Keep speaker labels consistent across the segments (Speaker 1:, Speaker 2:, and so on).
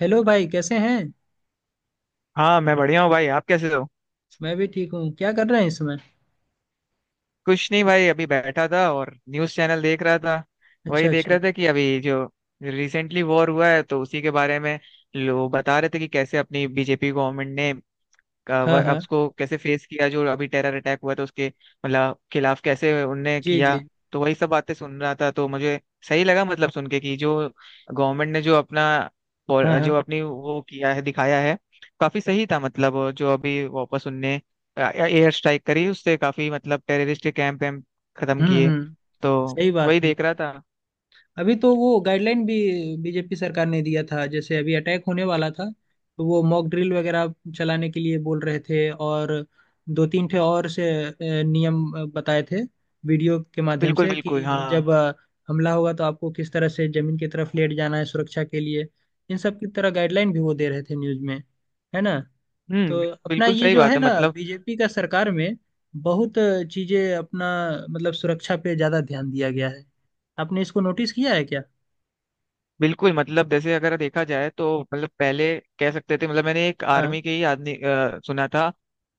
Speaker 1: Hello भाई, कैसे हैं?
Speaker 2: हाँ, मैं बढ़िया हूँ भाई। आप कैसे हो?
Speaker 1: मैं भी ठीक हूँ। क्या कर रहे हैं इस समय?
Speaker 2: कुछ नहीं भाई, अभी बैठा था और न्यूज़ चैनल देख रहा था।
Speaker 1: अच्छा
Speaker 2: वही देख
Speaker 1: अच्छा।
Speaker 2: रहा था कि अभी जो रिसेंटली वॉर हुआ है तो उसी के बारे में लोग बता रहे थे कि कैसे अपनी बीजेपी गवर्नमेंट ने
Speaker 1: हाँ हाँ।
Speaker 2: उसको कैसे फेस किया, जो अभी टेरर अटैक हुआ था उसके मतलब खिलाफ कैसे उनने
Speaker 1: जी
Speaker 2: किया।
Speaker 1: जी।
Speaker 2: तो वही सब बातें सुन रहा था तो मुझे सही लगा, मतलब सुन के, कि जो गवर्नमेंट ने जो अपना
Speaker 1: हाँ हाँ।
Speaker 2: जो अपनी वो किया है दिखाया है काफी सही था। मतलब जो अभी वापस उनने एयर स्ट्राइक करी उससे काफी मतलब टेररिस्ट के कैंप वैम्प खत्म किए।
Speaker 1: हम्म।
Speaker 2: तो
Speaker 1: सही बात
Speaker 2: वही
Speaker 1: है।
Speaker 2: देख रहा था।
Speaker 1: अभी तो वो गाइडलाइन भी बीजेपी सरकार ने दिया था। जैसे अभी अटैक होने वाला था तो वो मॉक ड्रिल वगैरह चलाने के लिए बोल रहे थे, और दो तीन ठे और से नियम बताए थे वीडियो के माध्यम
Speaker 2: बिल्कुल
Speaker 1: से।
Speaker 2: बिल्कुल,
Speaker 1: कि
Speaker 2: हाँ।
Speaker 1: जब हमला होगा तो आपको किस तरह से जमीन की तरफ लेट जाना है सुरक्षा के लिए। इन सब की तरह गाइडलाइन भी वो दे रहे थे न्यूज़ में, है ना। तो
Speaker 2: हम्म।
Speaker 1: अपना
Speaker 2: बिल्कुल
Speaker 1: ये
Speaker 2: सही
Speaker 1: जो है
Speaker 2: बात है
Speaker 1: ना,
Speaker 2: मतलब।
Speaker 1: बीजेपी का सरकार में बहुत चीजें अपना मतलब सुरक्षा पे ज्यादा ध्यान दिया गया है। आपने इसको नोटिस किया है क्या?
Speaker 2: बिल्कुल, मतलब जैसे अगर देखा जाए तो मतलब पहले कह सकते थे, मतलब मैंने एक
Speaker 1: हाँ।
Speaker 2: आर्मी के ही आदमी सुना था।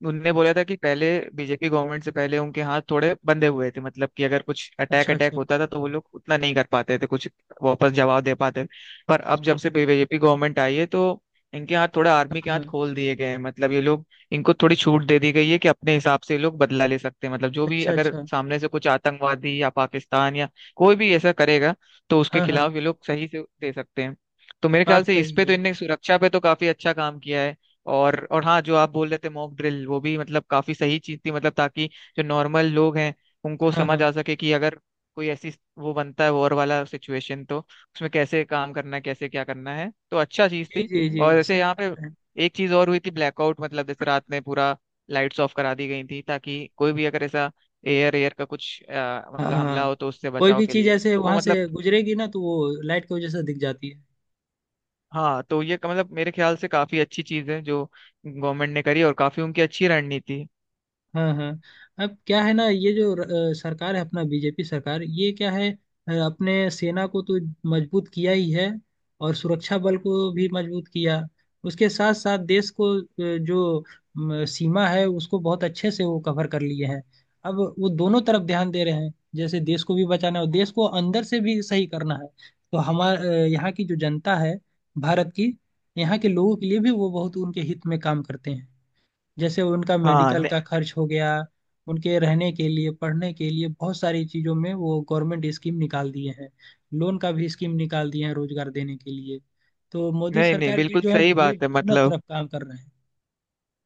Speaker 2: उनने बोला था कि पहले बीजेपी गवर्नमेंट से पहले उनके हाथ थोड़े बंधे हुए थे, मतलब कि अगर कुछ अटैक
Speaker 1: अच्छा
Speaker 2: अटैक
Speaker 1: अच्छा।
Speaker 2: होता था तो वो लोग उतना नहीं कर पाते थे कुछ वापस जवाब दे पाते थे। पर अब जब से बीजेपी गवर्नमेंट आई है तो इनके हाथ थोड़ा आर्मी के हाथ
Speaker 1: हाँ,
Speaker 2: खोल दिए गए हैं, मतलब ये लोग, इनको थोड़ी छूट दे दी गई है कि अपने हिसाब से ये लोग बदला ले सकते हैं, मतलब जो भी
Speaker 1: अच्छा
Speaker 2: अगर
Speaker 1: अच्छा।
Speaker 2: सामने से कुछ आतंकवादी या पाकिस्तान या कोई भी ऐसा करेगा तो उसके
Speaker 1: हाँ हाँ।
Speaker 2: खिलाफ ये लोग सही से दे सकते हैं। तो मेरे ख्याल
Speaker 1: बात
Speaker 2: से इस
Speaker 1: सही
Speaker 2: पे तो
Speaker 1: है।
Speaker 2: इनने सुरक्षा पे तो काफी अच्छा काम किया है। और हाँ, जो आप बोल रहे थे मॉक ड्रिल, वो भी मतलब काफी सही चीज थी, मतलब ताकि जो नॉर्मल लोग हैं उनको
Speaker 1: हाँ
Speaker 2: समझ
Speaker 1: हाँ।
Speaker 2: आ सके कि अगर कोई ऐसी वो बनता है वॉर वाला सिचुएशन तो उसमें कैसे काम करना है कैसे क्या करना है, तो अच्छा चीज
Speaker 1: जी
Speaker 2: थी।
Speaker 1: जी जी,
Speaker 2: और जैसे
Speaker 1: सही
Speaker 2: यहाँ
Speaker 1: बता
Speaker 2: पे
Speaker 1: रहे हैं।
Speaker 2: एक चीज और हुई थी, ब्लैकआउट, मतलब जैसे रात में पूरा लाइट्स ऑफ करा दी गई थी ताकि कोई भी अगर ऐसा एयर एयर का कुछ
Speaker 1: हाँ
Speaker 2: मतलब हमला
Speaker 1: हाँ।
Speaker 2: हो तो उससे
Speaker 1: कोई
Speaker 2: बचाव
Speaker 1: भी
Speaker 2: के
Speaker 1: चीज
Speaker 2: लिए,
Speaker 1: ऐसे
Speaker 2: तो वो
Speaker 1: वहां
Speaker 2: मतलब,
Speaker 1: से गुजरेगी ना तो वो लाइट की वजह से दिख जाती है।
Speaker 2: हाँ। तो ये मतलब मेरे ख्याल से काफी अच्छी चीज है जो गवर्नमेंट ने करी और काफी उनकी अच्छी रणनीति है।
Speaker 1: हाँ हाँ। अब क्या है ना, ये जो सरकार है अपना बीजेपी सरकार, ये क्या है, अपने सेना को तो मजबूत किया ही है, और सुरक्षा बल को भी मजबूत किया। उसके साथ साथ देश को जो सीमा है उसको बहुत अच्छे से वो कवर कर लिए हैं। अब वो दोनों तरफ ध्यान दे रहे हैं। जैसे देश को भी बचाना है और देश को अंदर से भी सही करना है। तो हमारे यहाँ की जो जनता है, भारत की, यहाँ के लोगों के लिए भी वो बहुत उनके हित में काम करते हैं। जैसे उनका
Speaker 2: हाँ,
Speaker 1: मेडिकल का
Speaker 2: नहीं
Speaker 1: खर्च हो गया, उनके रहने के लिए, पढ़ने के लिए, बहुत सारी चीज़ों में वो गवर्नमेंट स्कीम निकाल दिए हैं। लोन का भी स्कीम निकाल दिए हैं रोजगार देने के लिए। तो मोदी
Speaker 2: नहीं नहीं,
Speaker 1: सरकार जी
Speaker 2: बिल्कुल
Speaker 1: जो है
Speaker 2: सही
Speaker 1: जो
Speaker 2: बात है
Speaker 1: दोनों
Speaker 2: मतलब।
Speaker 1: तरफ काम कर रहे हैं।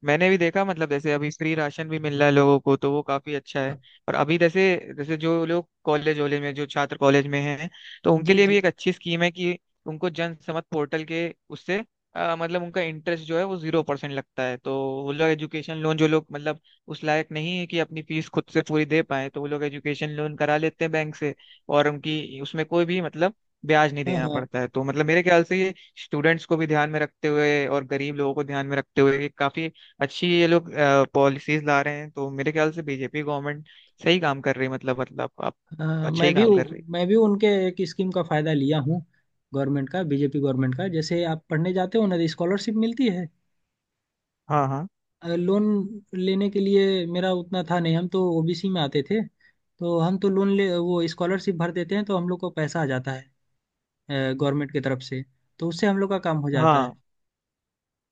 Speaker 2: मैंने भी देखा, मतलब जैसे अभी फ्री राशन भी मिल रहा है लोगों को तो वो काफी अच्छा है। और अभी जैसे जैसे जो लोग कॉलेज वॉलेज में, जो छात्र कॉलेज में हैं, तो उनके
Speaker 1: जी
Speaker 2: लिए भी
Speaker 1: जी।
Speaker 2: एक अच्छी स्कीम है कि उनको जन समत पोर्टल के उससे मतलब उनका इंटरेस्ट जो है वो 0% लगता है। तो वो लोग एजुकेशन लोन, जो लोग मतलब उस लायक नहीं है कि अपनी फीस खुद से पूरी दे पाए, तो वो लोग एजुकेशन लोन करा लेते हैं बैंक से, और उनकी उसमें कोई भी मतलब ब्याज नहीं
Speaker 1: हाँ
Speaker 2: देना
Speaker 1: हाँ।
Speaker 2: पड़ता है। तो मतलब मेरे ख्याल से ये स्टूडेंट्स को भी ध्यान में रखते हुए और गरीब लोगों को ध्यान में रखते हुए ये काफी अच्छी ये लोग पॉलिसीज ला रहे हैं। तो मेरे ख्याल से बीजेपी गवर्नमेंट सही काम कर रही है, मतलब आप,
Speaker 1: हाँ,
Speaker 2: अच्छा
Speaker 1: मैं
Speaker 2: ही
Speaker 1: भी,
Speaker 2: काम कर रही है।
Speaker 1: मैं भी उनके एक स्कीम का फायदा लिया हूँ। गवर्नमेंट का, बीजेपी गवर्नमेंट का। जैसे आप पढ़ने जाते हो ना, स्कॉलरशिप मिलती है।
Speaker 2: हाँ हाँ
Speaker 1: लोन लेने के लिए मेरा उतना था नहीं, हम तो ओबीसी में आते थे। तो हम तो लोन ले, वो स्कॉलरशिप भर देते हैं तो हम लोग को पैसा आ जाता है गवर्नमेंट की तरफ से। तो उससे हम लोग का काम हो जाता है।
Speaker 2: हाँ।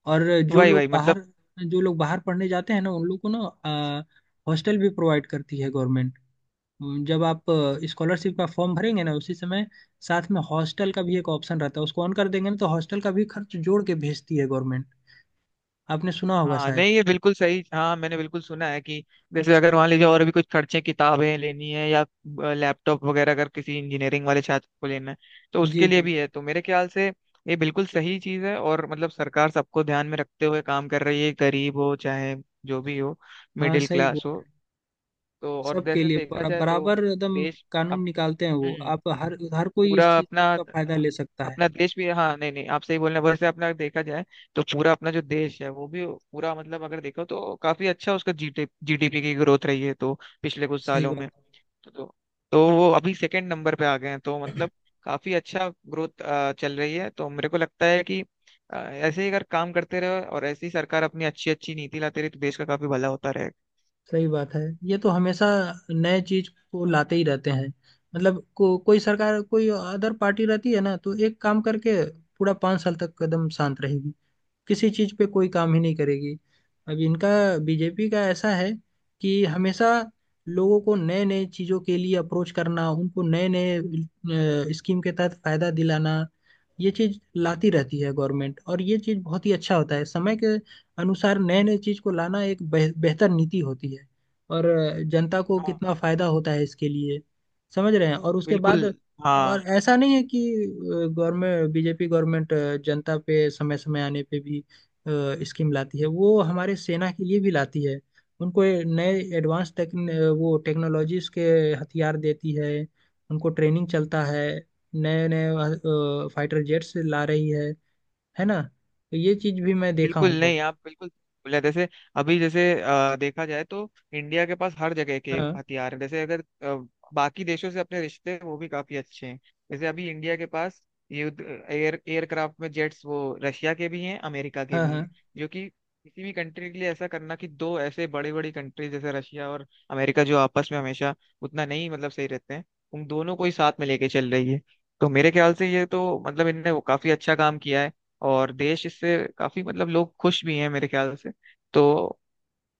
Speaker 1: और जो
Speaker 2: वही
Speaker 1: लोग
Speaker 2: वही मतलब,
Speaker 1: बाहर जो लोग बाहर पढ़ने जाते हैं ना उन लोग को ना हॉस्टल भी प्रोवाइड करती है गवर्नमेंट। जब आप स्कॉलरशिप का फॉर्म भरेंगे ना, उसी समय साथ में हॉस्टल का भी एक ऑप्शन रहता है। उसको ऑन कर देंगे ना तो हॉस्टल का भी खर्च जोड़ के भेजती है गवर्नमेंट। आपने सुना होगा
Speaker 2: हाँ
Speaker 1: शायद।
Speaker 2: नहीं ये बिल्कुल सही, हाँ मैंने बिल्कुल सुना है कि जैसे अगर मान लीजिए और भी कुछ खर्चे, किताबें लेनी है या लैपटॉप वगैरह अगर किसी इंजीनियरिंग वाले छात्र को लेना है तो उसके
Speaker 1: जी
Speaker 2: लिए
Speaker 1: जी।
Speaker 2: भी है। तो मेरे ख्याल से ये बिल्कुल सही चीज है और मतलब सरकार सबको ध्यान में रखते हुए काम कर रही है, गरीब हो चाहे जो भी हो,
Speaker 1: हाँ,
Speaker 2: मिडिल
Speaker 1: सही
Speaker 2: क्लास
Speaker 1: बोल।
Speaker 2: हो। तो और
Speaker 1: सबके
Speaker 2: वैसे
Speaker 1: लिए
Speaker 2: देखा जाए तो
Speaker 1: बराबर एकदम
Speaker 2: देश अप,
Speaker 1: कानून निकालते हैं। वो
Speaker 2: हम्म,
Speaker 1: आप हर हर कोई इस
Speaker 2: पूरा
Speaker 1: चीज
Speaker 2: अपना
Speaker 1: का फायदा ले सकता है।
Speaker 2: अपना देश भी, हाँ नहीं नहीं, आप सही बोल रहे हैं। वैसे अपना देखा जाए तो पूरा अपना जो देश है वो भी पूरा मतलब अगर देखो तो काफी अच्छा उसका जीडीपी की ग्रोथ रही है तो, पिछले कुछ
Speaker 1: सही
Speaker 2: सालों
Speaker 1: बात
Speaker 2: में।
Speaker 1: है।
Speaker 2: तो वो अभी सेकंड नंबर पे आ गए हैं, तो मतलब काफी अच्छा ग्रोथ चल रही है। तो मेरे को लगता है कि ऐसे ही अगर काम करते रहे और ऐसी सरकार अपनी अच्छी अच्छी नीति लाती रही तो देश का काफी भला होता रहेगा।
Speaker 1: सही बात है। ये तो हमेशा नए चीज को लाते ही रहते हैं। मतलब कोई सरकार, कोई अदर पार्टी रहती है ना, तो एक काम करके पूरा 5 साल तक एकदम शांत रहेगी, किसी चीज पे कोई काम ही नहीं करेगी। अब इनका, बीजेपी का ऐसा है कि हमेशा लोगों को नए नए चीजों के लिए अप्रोच करना, उनको नए नए स्कीम के तहत फायदा दिलाना, ये चीज लाती रहती है गवर्नमेंट। और ये चीज बहुत ही अच्छा होता है। समय के अनुसार नए नए चीज को लाना एक बेहतर नीति होती है। और जनता को
Speaker 2: हाँ
Speaker 1: कितना फायदा होता है इसके लिए, समझ रहे हैं। और उसके
Speaker 2: बिल्कुल,
Speaker 1: बाद,
Speaker 2: हाँ।
Speaker 1: और ऐसा नहीं है कि गवर्नमेंट, बीजेपी गवर्नमेंट जनता पे समय समय आने पे भी स्कीम लाती है, वो हमारे सेना के लिए भी लाती है। उनको ये नए एडवांस टेक, वो टेक्नोलॉजीज के हथियार देती है। उनको ट्रेनिंग चलता है। नए नए फाइटर जेट्स ला रही है ना। तो ये चीज भी मैं देखा
Speaker 2: बिल्कुल,
Speaker 1: हूँ बहुत।
Speaker 2: नहीं आप बिल्कुल बोले। जैसे अभी जैसे देखा जाए तो इंडिया के पास हर जगह के
Speaker 1: हाँ
Speaker 2: हथियार हैं। जैसे अगर बाकी देशों से अपने रिश्ते हैं, वो भी काफी अच्छे हैं। जैसे अभी इंडिया के पास युद्ध एयरक्राफ्ट में जेट्स, वो रशिया के भी हैं, अमेरिका के
Speaker 1: हाँ।
Speaker 2: भी हैं,
Speaker 1: हाँ।
Speaker 2: जो कि किसी भी कंट्री के लिए ऐसा करना कि दो ऐसे बड़ी बड़ी कंट्री जैसे रशिया और अमेरिका जो आपस में हमेशा उतना नहीं मतलब सही रहते हैं, उन दोनों को ही साथ में लेके चल रही है। तो मेरे ख्याल से ये तो मतलब इनने वो काफी अच्छा काम किया है और देश इससे काफी मतलब लोग खुश भी हैं मेरे ख्याल से। तो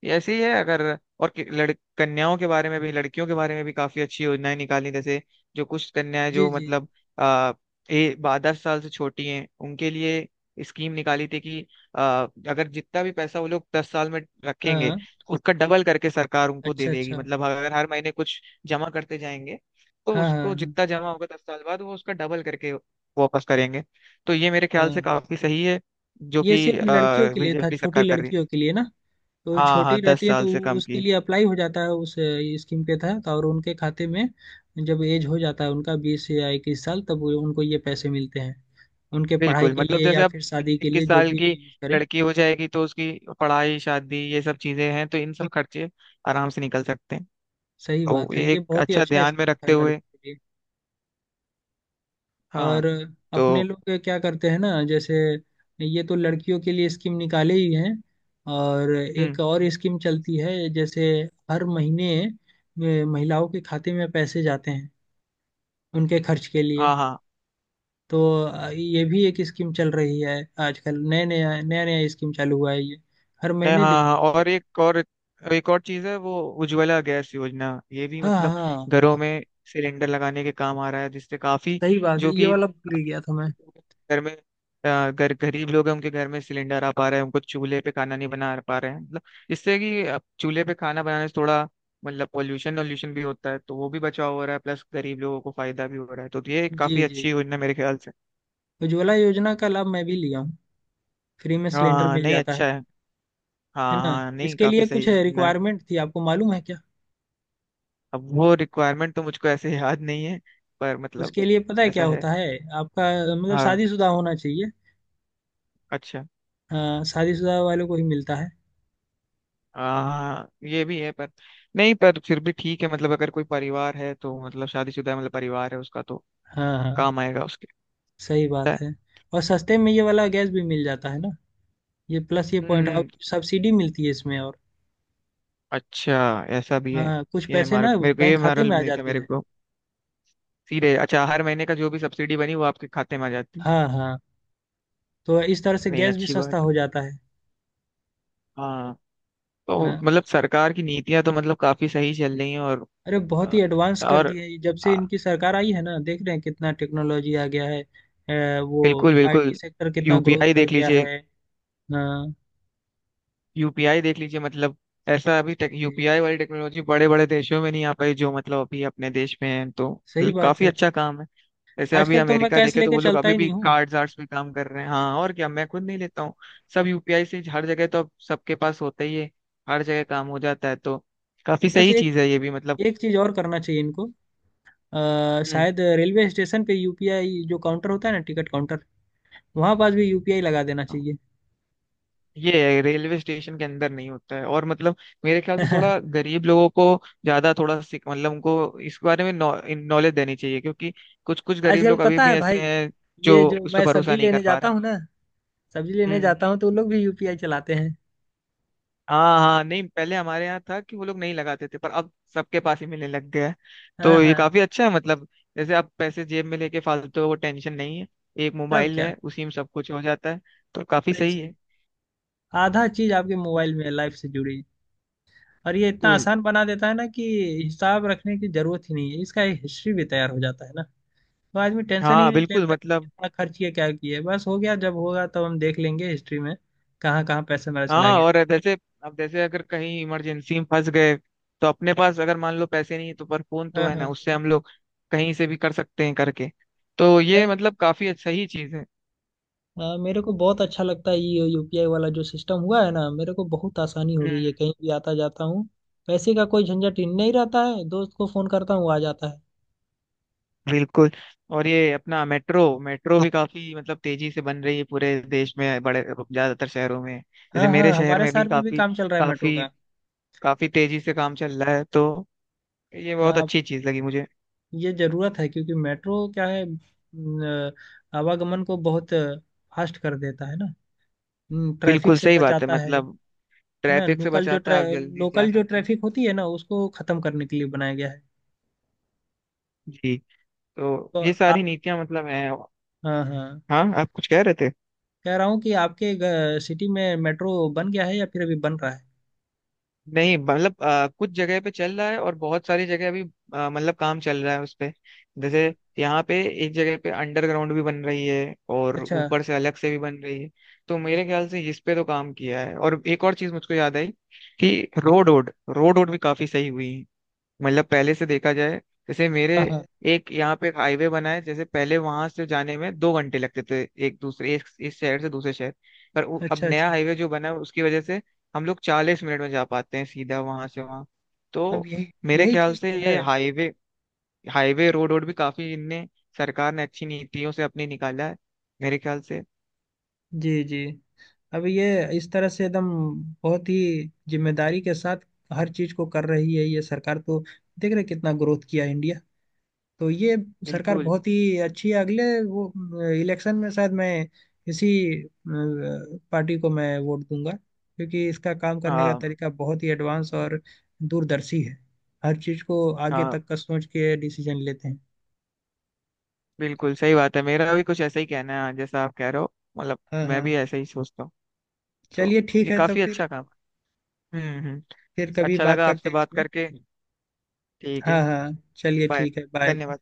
Speaker 2: ये ऐसे ही है, अगर और कि- लड़ कन्याओं के बारे में भी, लड़कियों के बारे में भी काफी अच्छी योजनाएं निकाली। जैसे जो कुछ कन्याएं
Speaker 1: जी
Speaker 2: जो
Speaker 1: जी।
Speaker 2: मतलब आ, 10 साल से छोटी हैं उनके लिए स्कीम निकाली थी कि आ, अगर जितना भी पैसा वो लोग 10 साल में रखेंगे
Speaker 1: हाँ।
Speaker 2: उसका डबल करके सरकार उनको दे
Speaker 1: अच्छा
Speaker 2: देगी,
Speaker 1: अच्छा।
Speaker 2: मतलब अगर हर महीने कुछ जमा करते जाएंगे तो
Speaker 1: हाँ हाँ।
Speaker 2: उसको
Speaker 1: हाँ
Speaker 2: जितना जमा होगा 10 साल बाद वो उसका डबल करके वापस करेंगे। तो ये मेरे ख्याल से
Speaker 1: हाँ।
Speaker 2: काफी सही है जो
Speaker 1: ये
Speaker 2: कि
Speaker 1: सिर्फ लड़कियों के लिए था,
Speaker 2: बीजेपी
Speaker 1: छोटी
Speaker 2: सरकार कर रही है।
Speaker 1: लड़कियों के लिए ना। तो
Speaker 2: हाँ हाँ,
Speaker 1: छोटी
Speaker 2: दस
Speaker 1: रहती है
Speaker 2: साल
Speaker 1: तो
Speaker 2: से कम
Speaker 1: उसके
Speaker 2: की।
Speaker 1: लिए अप्लाई हो जाता है उस स्कीम के तहत। और उनके खाते में जब एज हो जाता है उनका 20 या 21 साल, तब उनको ये पैसे मिलते हैं, उनके पढ़ाई
Speaker 2: बिल्कुल
Speaker 1: के
Speaker 2: मतलब,
Speaker 1: लिए
Speaker 2: जैसे
Speaker 1: या
Speaker 2: अब
Speaker 1: फिर
Speaker 2: बीस
Speaker 1: शादी के
Speaker 2: इक्कीस
Speaker 1: लिए, जो
Speaker 2: साल की
Speaker 1: भी यूज करें।
Speaker 2: लड़की हो जाएगी तो उसकी पढ़ाई शादी ये सब चीजें हैं तो इन सब खर्चे आराम से निकल सकते हैं।
Speaker 1: सही
Speaker 2: तो
Speaker 1: बात है,
Speaker 2: ये
Speaker 1: ये
Speaker 2: एक
Speaker 1: बहुत ही
Speaker 2: अच्छा,
Speaker 1: अच्छा
Speaker 2: ध्यान में
Speaker 1: स्कीम है
Speaker 2: रखते हुए।
Speaker 1: लड़कियों के लिए।
Speaker 2: हाँ।
Speaker 1: और अपने
Speaker 2: तो
Speaker 1: लोग क्या करते हैं ना, जैसे ये तो लड़कियों के लिए स्कीम निकाले ही हैं, और
Speaker 2: हम्म,
Speaker 1: एक और स्कीम चलती है, जैसे हर महीने महिलाओं के खाते में पैसे जाते हैं उनके खर्च के लिए।
Speaker 2: हाँ हाँ,
Speaker 1: तो ये भी एक स्कीम चल रही है। आजकल नया नया नया नया स्कीम चालू हुआ है ये, हर
Speaker 2: नहीं,
Speaker 1: महीने
Speaker 2: हाँ हाँ,
Speaker 1: देती है
Speaker 2: और
Speaker 1: गवर्नमेंट।
Speaker 2: एक और चीज है, वो उज्ज्वला गैस योजना। ये भी
Speaker 1: हाँ
Speaker 2: मतलब
Speaker 1: हाँ
Speaker 2: घरों
Speaker 1: हाँ।
Speaker 2: में सिलेंडर लगाने के काम आ रहा है, जिससे काफी,
Speaker 1: सही बात है,
Speaker 2: जो
Speaker 1: ये
Speaker 2: कि
Speaker 1: वाला भूल ही गया था मैं।
Speaker 2: घर में गरीब लोग हैं उनके घर में सिलेंडर आ पा रहे हैं, उनको चूल्हे पे खाना नहीं बना पा रहे हैं, मतलब इससे, कि अब चूल्हे पे खाना बनाने से थोड़ा मतलब पोल्यूशन वोल्यूशन भी होता है तो वो भी बचाव हो रहा है, प्लस गरीब लोगों को फायदा भी हो रहा है। तो ये एक
Speaker 1: जी
Speaker 2: काफी
Speaker 1: जी।
Speaker 2: अच्छी योजना मेरे ख्याल से।
Speaker 1: उज्ज्वला योजना का लाभ मैं भी लिया हूँ। फ्री में
Speaker 2: हाँ
Speaker 1: सिलेंडर
Speaker 2: हाँ,
Speaker 1: मिल
Speaker 2: नहीं
Speaker 1: जाता है
Speaker 2: अच्छा है।
Speaker 1: है
Speaker 2: हाँ
Speaker 1: ना।
Speaker 2: हाँ, नहीं
Speaker 1: इसके
Speaker 2: काफी
Speaker 1: लिए
Speaker 2: सही
Speaker 1: कुछ
Speaker 2: है।
Speaker 1: रिक्वायरमेंट थी, आपको मालूम है क्या?
Speaker 2: अब वो रिक्वायरमेंट तो मुझको ऐसे याद नहीं है, पर मतलब
Speaker 1: उसके लिए पता है क्या
Speaker 2: ऐसा है।
Speaker 1: होता है, आपका मतलब
Speaker 2: हाँ,
Speaker 1: शादीशुदा होना चाहिए।
Speaker 2: अच्छा।
Speaker 1: हाँ, शादीशुदा वालों को ही मिलता है।
Speaker 2: हाँ ये भी है, पर नहीं पर फिर भी ठीक है, मतलब अगर कोई परिवार है तो मतलब शादीशुदा है मतलब परिवार है उसका, तो
Speaker 1: हाँ हाँ।
Speaker 2: काम आएगा उसके।
Speaker 1: सही
Speaker 2: पता
Speaker 1: बात
Speaker 2: है?
Speaker 1: है। और सस्ते में ये वाला गैस भी मिल जाता है ना, ये प्लस ये पॉइंट, और
Speaker 2: हम्म।
Speaker 1: सब्सिडी मिलती है इसमें। और
Speaker 2: अच्छा, ऐसा भी है।
Speaker 1: हाँ, कुछ
Speaker 2: ये
Speaker 1: पैसे
Speaker 2: हमारे,
Speaker 1: ना
Speaker 2: मेरे को
Speaker 1: बैंक
Speaker 2: ये
Speaker 1: खाते में
Speaker 2: मालूम
Speaker 1: आ
Speaker 2: नहीं था
Speaker 1: जाती
Speaker 2: मेरे
Speaker 1: हैं।
Speaker 2: को। सीधे अच्छा, हर महीने का जो भी सब्सिडी बनी वो आपके खाते में आ जाती।
Speaker 1: हाँ हाँ। तो इस तरह से
Speaker 2: नहीं
Speaker 1: गैस भी
Speaker 2: अच्छी
Speaker 1: सस्ता
Speaker 2: बात है।
Speaker 1: हो जाता है।
Speaker 2: हाँ, तो
Speaker 1: हाँ।
Speaker 2: मतलब सरकार की नीतियां तो मतलब काफी सही चल रही हैं। और
Speaker 1: अरे बहुत ही एडवांस कर दिए है ये। जब से
Speaker 2: और
Speaker 1: इनकी सरकार आई है ना, देख रहे हैं कितना टेक्नोलॉजी आ गया है। वो
Speaker 2: बिल्कुल बिल्कुल,
Speaker 1: आईटी सेक्टर कितना ग्रोथ
Speaker 2: यूपीआई
Speaker 1: कर
Speaker 2: देख
Speaker 1: गया है।
Speaker 2: लीजिए।
Speaker 1: हाँ।
Speaker 2: मतलब ऐसा अभी
Speaker 1: जी
Speaker 2: टेक,
Speaker 1: जी।
Speaker 2: यूपीआई वाली टेक्नोलॉजी बड़े बड़े देशों में नहीं आ पाई जो मतलब अभी अपने देश में है, तो
Speaker 1: सही
Speaker 2: मतलब
Speaker 1: बात
Speaker 2: काफी
Speaker 1: है।
Speaker 2: अच्छा काम है। जैसे अभी
Speaker 1: आजकल तो मैं
Speaker 2: अमेरिका
Speaker 1: कैश
Speaker 2: देखे तो
Speaker 1: लेके
Speaker 2: वो लोग
Speaker 1: चलता
Speaker 2: अभी
Speaker 1: ही
Speaker 2: भी
Speaker 1: नहीं हूँ।
Speaker 2: कार्ड्स आर्ट्स पे काम कर रहे हैं। हाँ और क्या, मैं खुद नहीं लेता हूँ, सब यूपीआई से। हर जगह तो अब सबके पास होता ही है, हर जगह काम हो जाता है तो काफी
Speaker 1: बस
Speaker 2: सही
Speaker 1: एक,
Speaker 2: चीज है ये भी मतलब।
Speaker 1: एक चीज और करना चाहिए इनको। शायद रेलवे स्टेशन पे यूपीआई, जो काउंटर होता है ना टिकट काउंटर, वहाँ पास भी यूपीआई लगा देना
Speaker 2: हम्म।
Speaker 1: चाहिए।
Speaker 2: ये रेलवे स्टेशन के अंदर नहीं होता है, और मतलब मेरे ख्याल से थोड़ा गरीब लोगों को ज्यादा थोड़ा सीख, मतलब उनको इस बारे में नॉलेज देनी चाहिए क्योंकि कुछ कुछ गरीब
Speaker 1: आजकल
Speaker 2: लोग अभी
Speaker 1: पता
Speaker 2: भी
Speaker 1: है
Speaker 2: ऐसे
Speaker 1: भाई,
Speaker 2: हैं जो
Speaker 1: ये जो
Speaker 2: उस पर
Speaker 1: मैं
Speaker 2: भरोसा
Speaker 1: सब्जी
Speaker 2: नहीं कर
Speaker 1: लेने
Speaker 2: पा
Speaker 1: जाता
Speaker 2: रहे हैं।
Speaker 1: हूँ ना, सब्जी लेने
Speaker 2: हम्म।
Speaker 1: जाता हूँ तो वो लोग भी यूपीआई चलाते हैं।
Speaker 2: हाँ हाँ, नहीं पहले हमारे यहाँ था कि वो लोग नहीं लगाते थे पर अब सबके पास ही मिलने लग गया है।
Speaker 1: हाँ
Speaker 2: तो ये
Speaker 1: हाँ।
Speaker 2: काफी अच्छा है, मतलब जैसे आप पैसे जेब में लेके फालतू वो टेंशन नहीं है, एक
Speaker 1: तब
Speaker 2: मोबाइल
Speaker 1: क्या?
Speaker 2: है उसी में सब कुछ हो जाता है। तो काफी
Speaker 1: सही
Speaker 2: सही
Speaker 1: चीज।
Speaker 2: है।
Speaker 1: आधा चीज आपके मोबाइल में लाइफ से जुड़ी है, और ये इतना
Speaker 2: कूल,
Speaker 1: आसान बना देता है ना कि हिसाब रखने की जरूरत ही नहीं है, इसका एक हिस्ट्री भी तैयार हो जाता है ना। तो आदमी टेंशन ही
Speaker 2: हाँ
Speaker 1: नहीं
Speaker 2: बिल्कुल
Speaker 1: लेता कि
Speaker 2: मतलब।
Speaker 1: कितना खर्च किया, क्या किया, बस हो गया, जब होगा तब हम देख लेंगे हिस्ट्री में, कहाँ कहाँ पैसे मेरा चला
Speaker 2: हाँ
Speaker 1: गया।
Speaker 2: और जैसे, अब जैसे अगर कहीं इमरजेंसी में फंस गए तो अपने पास अगर मान लो पैसे नहीं है तो, पर फोन तो
Speaker 1: हाँ
Speaker 2: है
Speaker 1: हाँ।
Speaker 2: ना उससे हम लोग कहीं से भी कर सकते हैं करके। तो ये मतलब काफी अच्छा ही चीज है।
Speaker 1: मेरे को बहुत अच्छा लगता है ये यूपीआई वाला जो सिस्टम हुआ है ना, मेरे को बहुत आसानी हो गई है।
Speaker 2: हम्म।
Speaker 1: कहीं भी आता जाता हूँ, पैसे का कोई झंझट ही नहीं रहता है, दोस्त को फोन करता हूँ, आ जाता है।
Speaker 2: बिल्कुल। और ये अपना मेट्रो मेट्रो भी काफी मतलब तेजी से बन रही है पूरे देश में, बड़े ज्यादातर शहरों में।
Speaker 1: हाँ
Speaker 2: जैसे
Speaker 1: हाँ,
Speaker 2: मेरे शहर
Speaker 1: हमारे
Speaker 2: में भी
Speaker 1: शहर में भी
Speaker 2: काफी,
Speaker 1: काम चल रहा है मेट्रो
Speaker 2: काफी
Speaker 1: का।
Speaker 2: काफी तेजी से काम चल रहा है। तो ये बहुत
Speaker 1: हाँ,
Speaker 2: अच्छी चीज लगी मुझे।
Speaker 1: ये जरूरत है, क्योंकि मेट्रो क्या है न, आवागमन को बहुत फास्ट कर देता है ना, ट्रैफिक
Speaker 2: बिल्कुल
Speaker 1: से
Speaker 2: सही बात है
Speaker 1: बचाता है।
Speaker 2: मतलब,
Speaker 1: है ना,
Speaker 2: ट्रैफिक से बचाता है, आप जल्दी जा
Speaker 1: लोकल जो
Speaker 2: सकते हैं।
Speaker 1: ट्रैफिक होती है ना, उसको खत्म करने के लिए बनाया गया है।
Speaker 2: जी, तो
Speaker 1: तो
Speaker 2: ये सारी
Speaker 1: आप,
Speaker 2: नीतियां मतलब हैं,
Speaker 1: हाँ हाँ,
Speaker 2: हाँ आप कुछ कह रहे थे?
Speaker 1: कह रहा हूँ कि आपके सिटी में मेट्रो बन गया है या फिर अभी बन रहा है?
Speaker 2: नहीं मतलब कुछ जगह पे चल रहा है और बहुत सारी जगह अभी मतलब काम चल रहा है उस पे। जैसे यहाँ पे एक जगह पे अंडरग्राउंड भी बन रही है और
Speaker 1: अच्छा।
Speaker 2: ऊपर से अलग से भी बन रही है। तो मेरे ख्याल से इस पे तो काम किया है। और एक और चीज मुझको याद आई, कि रोड रोड रोड रोड भी काफी सही हुई। मतलब पहले से देखा जाए, जैसे मेरे,
Speaker 1: हाँ हाँ।
Speaker 2: एक यहाँ पे एक हाईवे बना है, जैसे पहले वहां से जाने में 2 घंटे लगते थे एक दूसरे, एक इस शहर से दूसरे शहर, पर अब
Speaker 1: अच्छा
Speaker 2: नया
Speaker 1: अच्छा।
Speaker 2: हाईवे जो बना है उसकी वजह से हम लोग 40 मिनट में जा पाते हैं सीधा वहां से वहां।
Speaker 1: अब
Speaker 2: तो
Speaker 1: यही,
Speaker 2: मेरे
Speaker 1: यही
Speaker 2: ख्याल
Speaker 1: चीज़
Speaker 2: से
Speaker 1: तो है।
Speaker 2: ये हाईवे हाईवे रोड रोड भी काफी इनने, सरकार ने अच्छी नीतियों से अपने निकाला है मेरे ख्याल से।
Speaker 1: जी जी। अब ये इस तरह से एकदम बहुत ही जिम्मेदारी के साथ हर चीज़ को कर रही है ये सरकार तो। देख रहे हैं कितना ग्रोथ किया इंडिया। तो ये सरकार
Speaker 2: बिल्कुल।
Speaker 1: बहुत ही अच्छी है। अगले वो इलेक्शन में शायद मैं इसी अ, पार्टी को मैं वोट दूंगा, क्योंकि इसका काम करने का
Speaker 2: हाँ,
Speaker 1: तरीका बहुत ही एडवांस और दूरदर्शी है। हर चीज को आगे
Speaker 2: हाँ
Speaker 1: तक का सोच के डिसीजन लेते हैं।
Speaker 2: बिल्कुल सही बात है, मेरा भी कुछ ऐसा ही कहना है जैसा आप कह रहे हो मतलब,
Speaker 1: हाँ
Speaker 2: मैं
Speaker 1: हाँ।
Speaker 2: भी ऐसा ही सोचता हूँ। तो
Speaker 1: चलिए
Speaker 2: ये
Speaker 1: ठीक है, तो
Speaker 2: काफी अच्छा काम। हम्म हम्म
Speaker 1: फिर कभी
Speaker 2: अच्छा
Speaker 1: बात
Speaker 2: लगा
Speaker 1: करते
Speaker 2: आपसे
Speaker 1: हैं
Speaker 2: बात
Speaker 1: इसमें।
Speaker 2: करके। ठीक
Speaker 1: हाँ
Speaker 2: है,
Speaker 1: हाँ। चलिए
Speaker 2: बाय।
Speaker 1: ठीक है, बाय।
Speaker 2: धन्यवाद।